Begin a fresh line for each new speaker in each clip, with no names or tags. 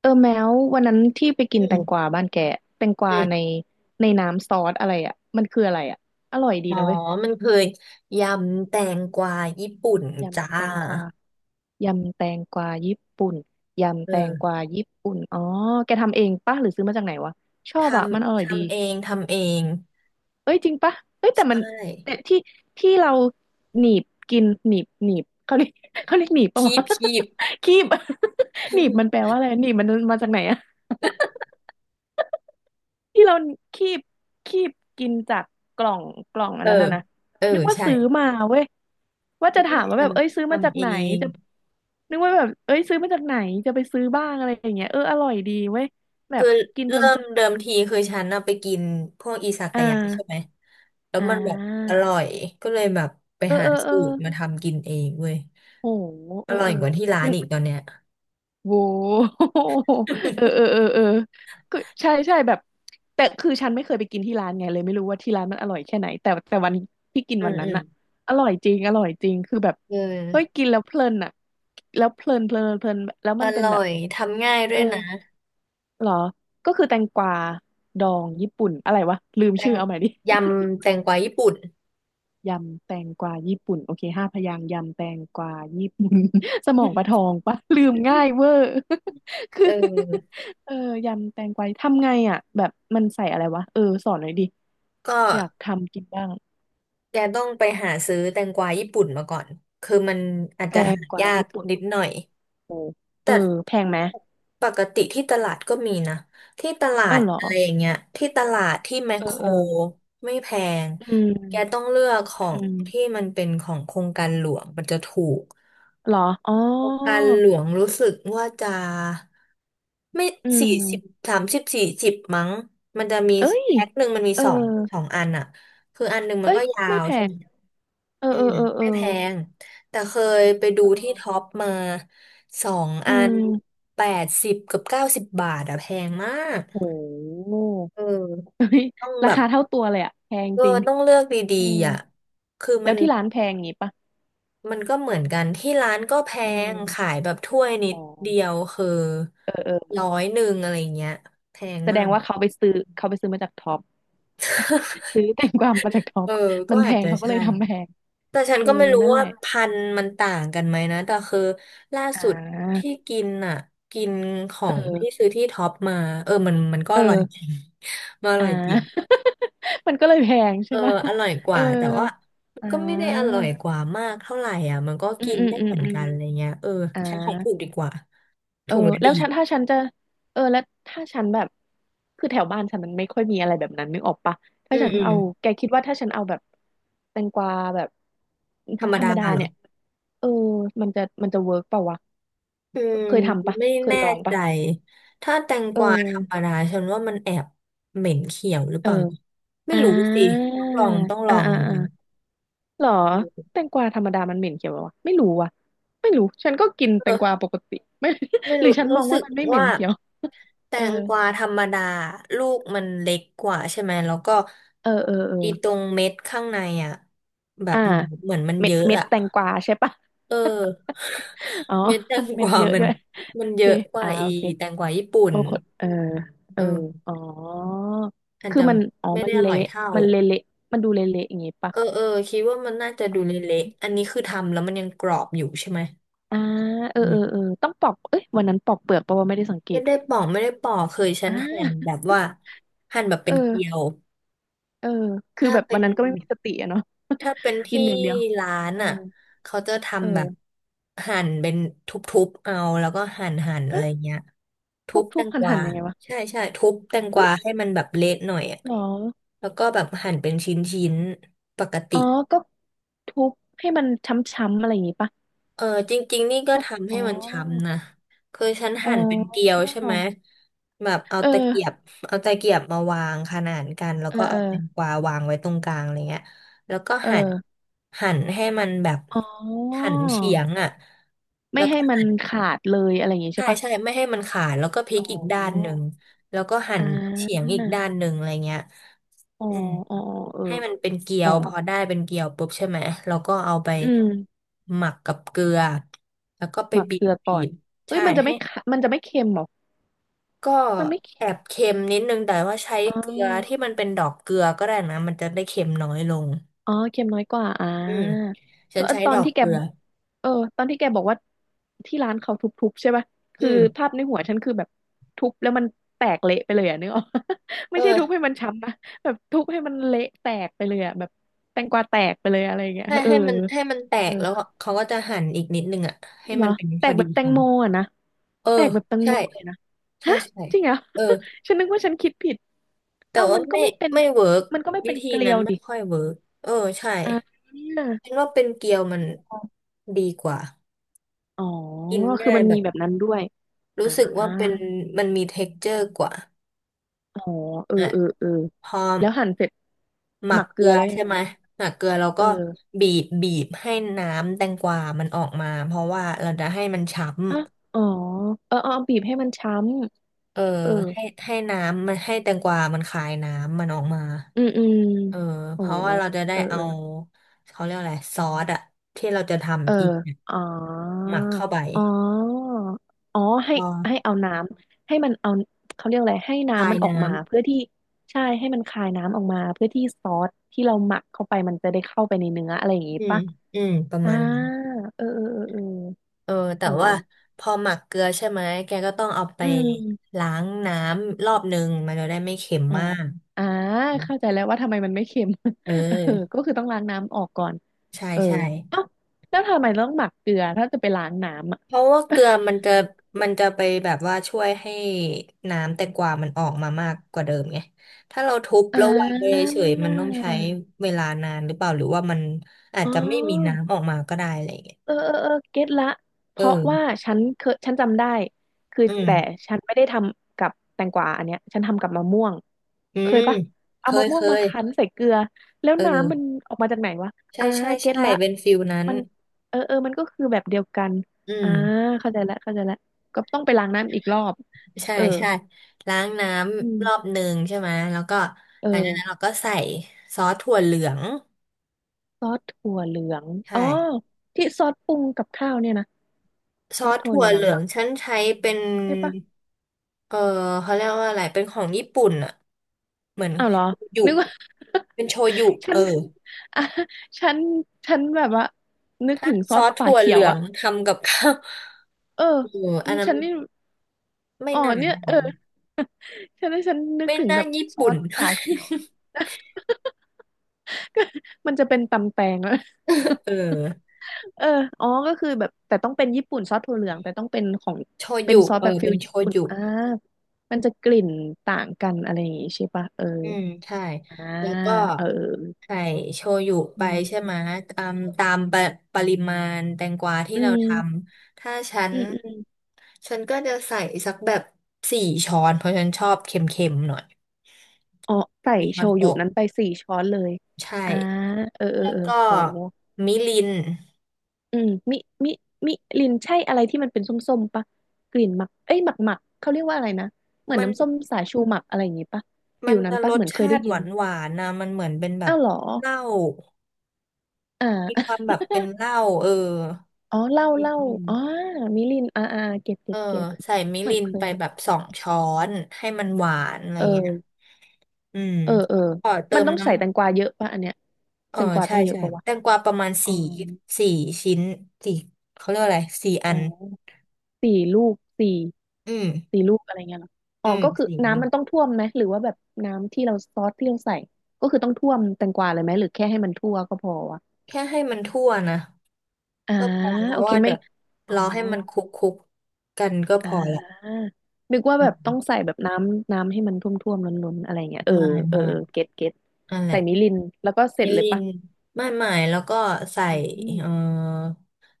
เออแมววันนั้นที่ไปกิ
อื
นแตงก
ม
วาบ้านแกแตงก
อื
วาใน
ม
ในน้ำซอสอะไรอ่ะมันคืออะไรอ่ะอร่อยดี
อ๋อ
นะเว้ย
มันคือยำแตงกวาญี่ปุ่นจ้า
ยำแตงกวายำแตงกวาญี่ปุ่นยำแตงก
เออ
วาญี่ปุ่นอ๋อแกทำเองปะหรือซื้อมาจากไหนวะชอ
ท
บอ่ะมันอร่
ำ
อยดี
ทำเอง
เอ้ยจริงปะเอ้ยแต่มั
ใช่
นแต่ที่ที่เราหนีบกินหนีบหนีบเขาเรียกเขาเรียกหนีบปะ
คี
วะ
บคีบ
คีบ หนีบมันแปลว่าอะไรหนีบมันมาจากไหนอ่ะ ที่เราคีบคีบกินจากกล่องกล่องอั
เอ
น
อ
นั้นน่ะนะ
เออ
นึกว่า
ใช่
ซื้อมาเว้ยว่าจะถามว่า
ท
แบบเอ้ยซื้อ
ำ
มาจา
ทำ
ก
เอ
ไหน
ง
จะนึกว่าแบบเอ้ยซื้อมาจากไหนจะไปซื้อบ้างอะไรอย่างเงี้ยเอออร่อยดีเว้ยแบ
คือ
บกินเพล
เริ่ม
ินๆ
เดิ
อ่ะ
มทีคือฉันน่ะไปกินพวกอิซา
อ่
กายะใช่ไหม
า
แล้ว
อ่
มันแบบอ
า
ร่อยก็เลยแบบไป
เออ
หา
เออเอ
สู
อ
ตรมาทำกินเองเว้ย
โห
อ
เออ
ร่อ
เอ
ย
อ
กว่าที่ร้า
มั
น
น
อีกตอนเนี้ย
โว้ เออเออเออ เออก็ใช่ใช่แบบแต่คือฉันไม่เคยไปกินที่ร้านไงเลยไม่รู้ว่าที่ร้านมันอร่อยแค่ไหนแต่แต่วันที่กิน
อื
วั
ม
นนั้
อื
น
ม
น่ะอร่อยจริงอร่อยจริงคือแบบ
เอ
เฮ้ย
อ
กินแล้วเพลินอ่ะแล้วเพลินเพลินเพลินแล้ว
อ
มันเป็น
ร่อ
แบบ
ยทำง่ายด้
เอ
ว
อ
ยนะ
เหรอก็คือแตงกวาดองญี่ปุ่นอะไรวะลืม
แต
ชื่
ง
อเอาใหม่ดิ
ยำแตงกวาญี่ปุ่น
ยำแตงกวาญี่ปุ่นโอเคห้าพยางค์ยำแตงกวาญี่ปุ่น สมองปลาทองปะ ลืมง่ายเวอร์ คือ
เอ อ
เออยำแตงกวาทำไงอ่ะแบบมันใส่อะไรวะเออสอนหน่อยดิ
ก็
อยากทำกินบ้าง
แกต้องไปหาซื้อแตงกวาญี่ปุ่นมาก่อนคือมันอาจ
แต
จะ
ง
หา
กวา
ยาก
ญี่ปุ่น
นิดหน่อย
โอ้เอ
แต่
อแพงไหม
ปกติที่ตลาดก็มีนะที่ตลา
อ้า
ด
วเหรอ
อะไรอย่างเงี้ยที่ตลาดที่แมค
เออ
โคร
เออ
ไม่แพง
อืม
แกต้องเลือกขอ
อื
งที่
ม
มันเป็นของโครงการหลวงมันจะถูก
เหรออ๋อ
การหลวงรู้สึกว่าจะไม่
อื
สี่สิบ
ม
30-40มั้งมันจะมี
เอ้ย
แพ็คหนึ่งมันมี
เออ
สองอันอ่ะคืออันหนึ่งมัน
เอ้ย
ก็ยา
ไม่
ว
แพ
ใช่
ง
ไหม
เออ
อื
เออ
ม
เออเออ
ไม่แพงแต่เคยไปดู
เอ
ที่ท็อ
อ
ปมาสอง
อื
อัน
ม
80 กับ 90 บาทอะแพงมาก
โห
เออต้อง
รา
แบบ
คาเท่าตัวเลยอะแพง
เออ
จริง
ต้องเลือกดี
เออ
ๆอ่ะคือ
แล้
มั
ว
น
ที่ร้านแพงงี้ปะ
มันก็เหมือนกันที่ร้านก็แพ
เอ
งขา
อ
ยแบบถ้วยนิ
อ๋
ด
อ
เดียวคือ
เออเออ
ร้อยหนึ่งอะไรเงี้ยแพง
แสด
มา
ง
ก
ว่าเขาไปซื้อเขาไปซื้อมาจากท็อปซื้อแตงกวามาจากท็อ
เอ
ป
อ
มั
ก็
นแพ
อาจ
ง
จะ
เขาก็เล
ใช่
ยทำแพง
แต่ฉัน
เออ
ก็ไม่รู้
นั่นแห
ว่า
ละ
พันธุ์มันต่างกันไหมนะแต่คือล่า
อ่
สุด
า
ที่กินอ่ะกินขอ
เ
งที่
ออ
ซื้อที่ท็อปมาเออมันก็อร่อย
เอ
จ
อ
ริง มันอ
อ่
ร่อยจริง
า มันก็เลยแพง
เอ
ใช่
อ
ปะ
อร่อยก
เออ
ว่าแต่ว่ามัน
อ่
ก็ไม่ได้อ
า
ร่อยกว่ามากเท่าไหร่อ่ะมันก็
อืม
กิน
อืม
ได้
อืม
เหมือน
อืม
กันอะไรเงี้ยเออ
อ่า
ใช้ของถูกดีกว่า
เออ
ถุงละ
แล้
ดี
วฉันถ้าฉันจะเออแล้วถ้าฉันแบบคือแถวบ้านฉันมันไม่ค่อยมีอะไรแบบนั้นนึกออกปะถ้า
อืม
ฉัน
อืม
เอาแกคิดว่าถ้าฉันเอาแบบแตงกวาแบบ
ธรรม
ธรร
ดา
มดา
เหรอ
เนี่ยเออมันจะมันจะเวิร์กเปล่าวะ
อืม
เคยทำปะ
ไม่
เคย
แน่
ลอง
ใจ
ปะ
ถ้าแตงก
เอ
วาธรรม
อ
ดาฉันว่ามันแอบเหม็นเขียวหรือเป
เออ
ล่านะไม่
อ่
รู้สิ
า
ต้องลองต้องล
อ่า
อง
อ่า
เหมือน
อ่า
กัน
หรอแตงกวาธรรมดามันเหม็นเขียวเหรอวะไม่รู้ว่ะไม่รู้ฉันก็กินแตงกวา
เออ
ปกติไม่
ไม่
หรือ
รู้
ฉันม
รู้
อง
สึ
ว่า
ก
มันไม่เหม็
ว่า
นเขียว
แต
เออ
งกวาธรรมดาลูกมันเล็กกว่าใช่ไหมแล้วก็
เออเออเออ
อีตรงเม็ดข้างในอ่ะแบบ
อ่า
เหมือนเหมือนมัน
เม็
เย
ด
อะ
เม็ด
อ่ะ
แตงกวาใช่ปะ
เออ
อ๋อ
เม็ดแตงก
เม็ด
วา
เยอะ
มัน
ด้วย
มัน
โอ
เย
เค
อะกว่า
อ่า
อี
โอเค
แตงกวาญี่ปุ่น
โอ้คนเออเออ
เออ
อ๋อ
อาจ
คือ
จะ
มันอ๋อ
ไม่
มั
ได้
น
อ
เละ
ร่อยเท่า
มันเละเละมันดูเละเละอย่างงี้ปะ
เออเออคิดว่ามันน่าจะดู
อ๋
เละ
อ
ๆ อันนี้คือทำแล้วมันยังกรอบอยู่ใช่ไหม
อ่าเออ
อื
เออ
ม
เออต้องปอกเอ้ยวันนั้นปอกเปลือกเพราะว่าไม่ได้สังเก
ไม่
ต
ได้ปอกไม่ได้ปอกเคยฉั
อ่
นหั่นแบ
า
บว่าหั่นแบบ
เอ
เป็นเกลีย
อ
ว
เออคือ
ถ้า
แบบ
เป็
วัน
น
นั้นก็ไม่มีสติอะเนาะ
ถ้าเป็น
กิน
ที่
อย่างเดียว
ร้าน
เออ
อ่ะเขาจะ
เอ
ทำแบ
อ
บหั่นเป็นทุบๆเอาแล้วก็หั่นหั่นอะไร
ฮะ
เงี้ยทุ
ทุบ
บแต
ทุบ
ง
หั
ก
นหั
วา
นยังไงวะ
ใช่ใช่ทุบแตงก
เฮ้
วา
ย
ให้มันแบบเละหน่อยอ่ะ
หรอ
แล้วก็แบบหั่นเป็นชิ้นๆปกติ
อ๋อก็ทุบให้มันช้ำๆอะไรอย่างงี้ปะ
เออจริงๆนี่ก็
พวก
ทำ
อ๋
ให้
อ
มันช้ำนะคือฉัน
อ๋อ
หั่นเป็นเกลียวใช่ไหมแบบเอา
เออ
ตะเกียบเอาตะเกียบมาวางขนานกันแล้ว
เออ
ก็
เอ
เอา
อ
แตงกวาวางไว้ตรงกลางอะไรเงี้ยแล้วก็
เอ
หั่น
อ
หั่นให้มันแบบ
อ๋อ
หั่นเฉียงอ่ะแล้
ไม่
ว
ให้
ก็
มันขาดเลยอะไรอย่างงี้
ใช่
ใช่ปะ
ใช่ไม่ให้มันขาดแล้วก็พลิ
อ๋
ก
อ
อีกด้านหนึ่งแล้วก็หั่
อ่
นเฉียง
า
อีกด้านหนึ่งอะไรเงี้ย
อ๋อ
อืม
อ๋อเออ
ให้มันเป็นเกี๊ย
อ๋อ
วพอได้เป็นเกี๊ยวปุ๊บใช่ไหมเราก็เอาไป
อืม
หมักกับเกลือแล้วก็ไป
หมัก
บี
เกลื
บ
อก่อ
บี
น
บ
เฮ้ย
ใช่
มันจะ
ให้
ไม่ขามันจะไม่เค็มเหรอ
ก็
มันไม่
แอ
เค็ม
บเค็มนิดนึงแต่ว่าใช้
อ๋
เกลือที่
อ
มันเป็นดอกเกลือก็ได้นะมันจะได้เค็มน้อยลง
อ๋อเค็มน้อยกว่าอ่า
อืมฉั
ก็
นใช้
ตอ
ด
น
อก
ที่แก
เกลือ
เออตอนที่แกบอกว่าที่ร้านเขาทุบๆใช่ป่ะ
อื
คือภา
ม
พในหัวฉันคือแบบทุบแล้วมันแตกเละไปเลยอ่ะนึกออก ไม่ใช่ทุบ
เออ
ให้มันช้ำนะแบบทุบให้มันเละแตกไปเลยอ่ะแบบแตงกวาแตกไปเลยอะไรอย่างเงี้ย
ให้
เออ
ให้มันให้มันแต
เออ
กแล้วเขาก็จะหั่นอีกนิดนึงอ่ะให้
เหร
มั
อ
นเป็น
แต
พอ
ก
ดี
แบบแต
ค
งโมอ่ะนะ
เออ
แตกแบบแตง
ใช่
โมเลยนะ
ใช่
ฮะ
ใช่
จริงเหรอ
เออ
ฉันนึกว่าฉันคิดผิด
แต่
เอ้า
ว่า
มันก็
ไม่
ไม่เป็น
ไม่เวิร์ก
มันก็ไม่
วิ
เป็น
ธี
เกลี
นั้
ย
น
ว
ไม่
ดิ
ค่อยเวิร์กเออใช่
อ่า
ฉันว่าเป็นเกียวมันดีกว่า
อ๋อ
กิน
คือ
ง่าย
มัน
แบ
มี
บ
แบบนั้นด้วย
รู้
อ่า
สึกว่าเป็นมันมีเท็กเจอร์กว่า
อ๋อ เออ
อ่ะ
เออ เออ
พอ
แล้วหั่นเสร็จ
หมั
หมั
ก
กเก
เก
ลื
ลื
อ
อ
แล้วยัง
ใช่
ไง
ไหม
นะ
หมักเกลือเรา
เอ
ก็
อ
บีบบีบให้น้ำแตงกวามันออกมาเพราะว่าเราจะให้มันฉ่ำ
อ่ะอ๋อเออ เอาเอาบีบให้มันช้
เออ
ำเออ
ให้ให้น้ำมันให้แตงกวามันคายน้ำมันออกมา
อืมอืม
เออเพ
โอ้
ราะว่าเราจะได้
เออ เอ
เอา
อ
เขาเรียกอะไรซอสอะที่เราจะ
เออ
ทำอีกเนี่ย
อ๋อ
หมักเข้าไป
อ๋อ อ๋อให้
ก็
ให้เอาน้ำให้มันเอาเขาเรียกอะไรให้
พา
น้ำ
ย
มันออก
น้
มาเพื่อที่ใช่ให้มันคายน้ำออกมาเพื่อที่ซอสที่เราหมักเข้าไปมันจะได้เข้าไปในเนื้ออะไรอย่าง
ำ
งี้
อืม
ปะ
อืมประ
อ่า
มาณนั้น
เออเออเออเออ
เออแต่
โอ
ว่า
้
พอหมักเกลือใช่ไหมแกก็ต้องเอาไป
อืม
ล้างน้ำรอบนึงมันจะได้ไม่เค็ม
อ๋อ
มาก
อ่าเข้าใจแล้วว่าทำไมมันไม่เค็ม
เอ
เออก็
อ
คือต้องล้างน้ำออกก่อน
ใช่
เออ
ใช่
เอ้าแล้วทำไมต้องหมักเกลือถ้าจะไปล้างน้ำอ่ะ
เพราะว่าเกลือมันจะมันจะไปแบบว่าช่วยให้น้ำแตงกวามันออกมามากกว่าเดิมไงถ้าเราทุบ
อ่
แล้ววางไป
า
เฉยมันต้องใช้เวลานานหรือเปล่าหรือว่ามันอาจ
อ๋
จะไม่มี
อ
น้ำออกมาก็ได้อะไรอย่างเงี้ย
เออเออเออเก็ตละเพ
เออ
ราะว่าฉันเคยฉันจำได้คือ
อืม
แต่ฉันไม่ได้ทำกับแตงกวาอันเนี้ยฉันทำกับมะม่วง
อื
เคย
ม
ปะ
เค
เอามะ
ย
ม่
เค
วงมา
ย
คั้นใส่เกลือแล้ว
เ
น้ำมัน
ออ
ออกมาจากไหนวะ
ใช่
อ่า
ใช่
เก็ต
ใช่
ละ
เป็นฟิลนั้น
มันเออเออมันก็คือแบบเดียวกัน
อืม
อ่าเข้าใจละเข้าใจละก็ต้องไปล้างน้ำอีกรอบ
ใช่
เออ
ใช่ล้างน้
อื
ำรอบ
ม
หนึ่งใช่ไหมแล้วก็
เอ
หลังจา
อ
กนั้นเราก็ใส่ซอสถั่วเหลือง
ซอสถั่วเหลือง
ใช่
อ๋อที่ซอสปรุงกับข้าวเนี่ยนะ
ซ
ซอ
อ
ส
ส
ถั่ว
ถั่
เห
ว
ลือ
เห
ง
ลืองฉันใช้เป็น
ใช่ปะ
เออเขาเรียกว่าอะไรเป็นของญี่ปุ่นอะเหมือน
อ้าวเหรอ
โชยุ
นึกว่า
เป็นโชยุ
ฉั
เออ
นอ่ะฉันฉันแบบว่านึก
ซ
ถึงซอ
อ
ส
ส
ฝา
ถั่ว
เขี
เห
ย
ลื
ว
อง
อะ
ทำกับข้าว
เออ
เอออันนั้น
ฉันนี่
ไม่
อ๋อ
น่าได้
เนี่ย
นะ
เออฉันนึก
ไม่
ถึง
น่า
แบบ
ญี่
ซอ
ปุ่น
สฝาเขียว มันจะเป็นตำแตงแล้ว
เออ
เอออ๋อก็คือแบบแต่ต้องเป็นญี่ปุ่นซอสถั่วเหลืองแต่ต้องเป็นของ
โช
เป็น
ยุ
ซอส
เอ
แบบ
อ
ฟิ
เป็
ล
นโช
ญี่ปุ่น
ยุ
อ่ามันจะกลิ่นต่างกันอะไรอย่างงี้ใช่ปะเออ
อืมใช่
อ่า
แล้วก็
เออ
ไข่โชยุไป
อืม
ใช่ไหมอืมตามปะปริมาณแตงกวาที่
อื
เราท
ม
ำถ้าฉัน
อืม
ฉันก็จะใส่สักแบบสี่ช้อนเพราะฉันชอบเค็มๆหน่อย
อ๋อใส่
สี่ช้
โช
อน
ยุ
โต๊ะ
นั้นไปสี่ช้อนเลย
ใช่
อ่าเออเออ
แล้ว
เออ
ก็
โห
มิริน
อืมมิมิลินใช่อะไรที่มันเป็นส้มๆปะกลิ่นหมักเอ้ยหมักเขาเรียกว่าอะไรนะเหมือน
มัน
น้ำส้มสายชูหมักอะไรอย่างงี้ปะฟิ
มัน
ลนั้
จะ
น
ร
ปะ
ส
เหมือนเคย
ชา
ได้
ติ
ยิ
ห
น
วานหวานนะมันเหมือนเป็นแบบ
อ้าวเหรอ
เหล้า
อ่า
มีความแบบเป็ นเหล้าเออ
อ๋อเหล้า
นิ
เห
ด
ล้า
นึง
อ๋อมิลินอ่าอ่าเก็บ
เอ
เก็
อ
บเก็บ
ใส่มิ
เหมือ
ริ
น
น
เค
ไป
ย
แบบสองช้อนให้มันหวานอะไร
เออ
เงี้ยอืม
เออเออ
กอเติ
มัน
ม
ต้อง
น้
ใส่แตงกวาเยอะปะอันเนี้ย
ำ เอ
แต
อ
งกวา
ใช่
ต้องเยอะ
ใช่
ปะวะ
แตงกวาประมาณ
อ๋อ
สี่สี่ชิ้นสี่เขาเรียกว่าอะไรสี่อั
อ๋อ
น
สี่ลูกสี่
อืม
สี่ลูกอะไรเงี้ยเหรออ๋
อื
อ
ม
ก็คือ
สี่อั
น้ำ
น
มันต้องท่วมไหมหรือว่าแบบน้ำที่เราซอสที่เราใส่ก็คือต้องท่วมแตงกวาเลยไหมหรือแค่ให้มันทั่วก็พอวะ
แค่ให้มันทั่วนะ
อ่า
ก็พอเพ
โอ
ราะ
เค
ว่า
ไม่
เดี๋ยว
อ๋อ
รอให้มันคลุกคุกกันก็พ
อ่
อละ
านึกว่า
อื
แบบต้อง
ม
ใส่แบบน้ำให้มันท่วมๆล้นๆอะไรเงี้ยเออ
ไม่
เออ
ไม่
เออเก็ต
นั่นแห
ใส่
ละ
มิรินแล้วก็เสร็
มิ
จเลย
ริน
ปะ
ไม่แล้วก็ใส่
อื
เออ
ม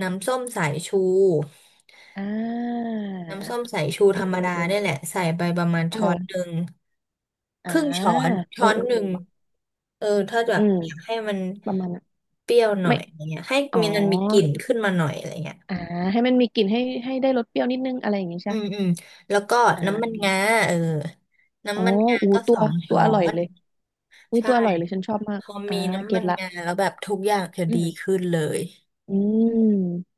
น้ำส้มสายชู
อ่า
น้ำส้มสายชู
เอ
ธ
อ
รรม
เออ
ดา
เออ
เนี่ยแหละใส่ไปประมาณช้อนห
เออ
นึ่งค
อ่า
รึ่งช้อน
เอ
ช้
อ
อน
เออ
ห
เอ
นึ่
อ
ง
ว่ะ
เออถ้าแบ
อื
บ
ม
อยากให้มัน
ประมาณนั้น
เปรี้ยวหน่อ
ไม่
ยอะไรเงี้ยให้
อ๋อ
มีมันมีกลิ่นขึ้นมาหน่อยอะไรเงี้ย
อ่าให้มันมีกลิ่นให้ได้รสเปรี้ยวนิดนึงอะไรอย่างงี้ใช่
อื
ปะ
มอืมแล้วก็น้ำมัน
อ่า
งาเออ
อ๋อ
น้ำมันงา
อู
ก็
ตั
ส
ว
อง
ตัว
ช้อ
อร่อย
น
เลยอุ้ย
ใช่
ตัวอร่อยเลยฉันชอบมา
พ
ก
อ
อ่า
มีน้ำ
เก็
มั
ต
น
ละ
งาแล้วแบบทุกอย่างจะ
อื
ดี
ม
ขึ้นเลย
อืม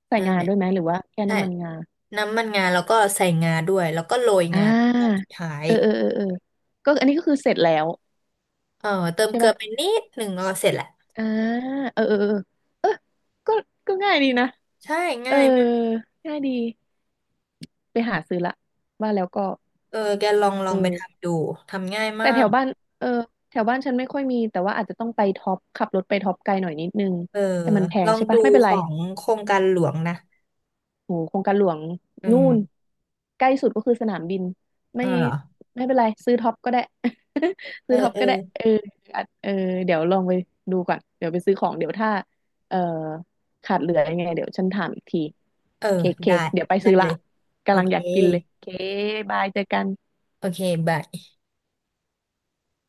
ใส่
นั่น
งา
แหละ
ด้วยไหมหรือว่าแค่
ใช่
น้ำมันงา
น้ำมันงาแล้วก็ใส่งาด้วยแล้วก็โรย
อ่
งาตอนสุ
า
ดท้าย
เออเออเออเออก็อันนี้ก็คือเสร็จแล้ว
เออเติม
ใช่
เกลือ
ป่ะ
ไปนิดหนึ่งก็เสร็จแหละ
อ่าเออเออเออเออก็ก็ง่ายดีนะ
ใช่
เออ
ง่ายมาก
ง่ายดีไปหาซื้อละว่าแล้วก็
เออแกลองลอ
เอ
งไป
อ
ทำดูทำง่ายมา
แต่แถ
ก
วบ้านเออแถวบ้านฉันไม่ค่อยมีแต่ว่าอาจจะต้องไปท็อปขับรถไปท็อปไกลหน่อยนิดนึง
เออ
แต่มันแพ
ล
ง
อง
ใช่
ดู
ปะไม่เป็น
ข
ไร
องโครงการหลวงนะ
โหโครงการหลวง
อื
นู่
ม
นใกล้สุดก็คือสนามบิน
เอ
ไม่
อเหรอ
ไม่เป็นไรซื้อท็อปก็ได้
เอ
ซื้
อ
อท็อป
เออ
ก็ได้เอออาจเออเดี๋ยวลองไปดูก่อนเดี๋ยวไปซื้อของเดี๋ยวถ้าเออขาดเหลือยังไงเดี๋ยวฉันถามอีกที
เออ
เคเค
ได้
เดี๋ยวไป
ได้
ซื้อ
เล
ละ
ยโอ
กำลัง
เค
อยากกินเลยเคบายเจอกัน
โอเคบาย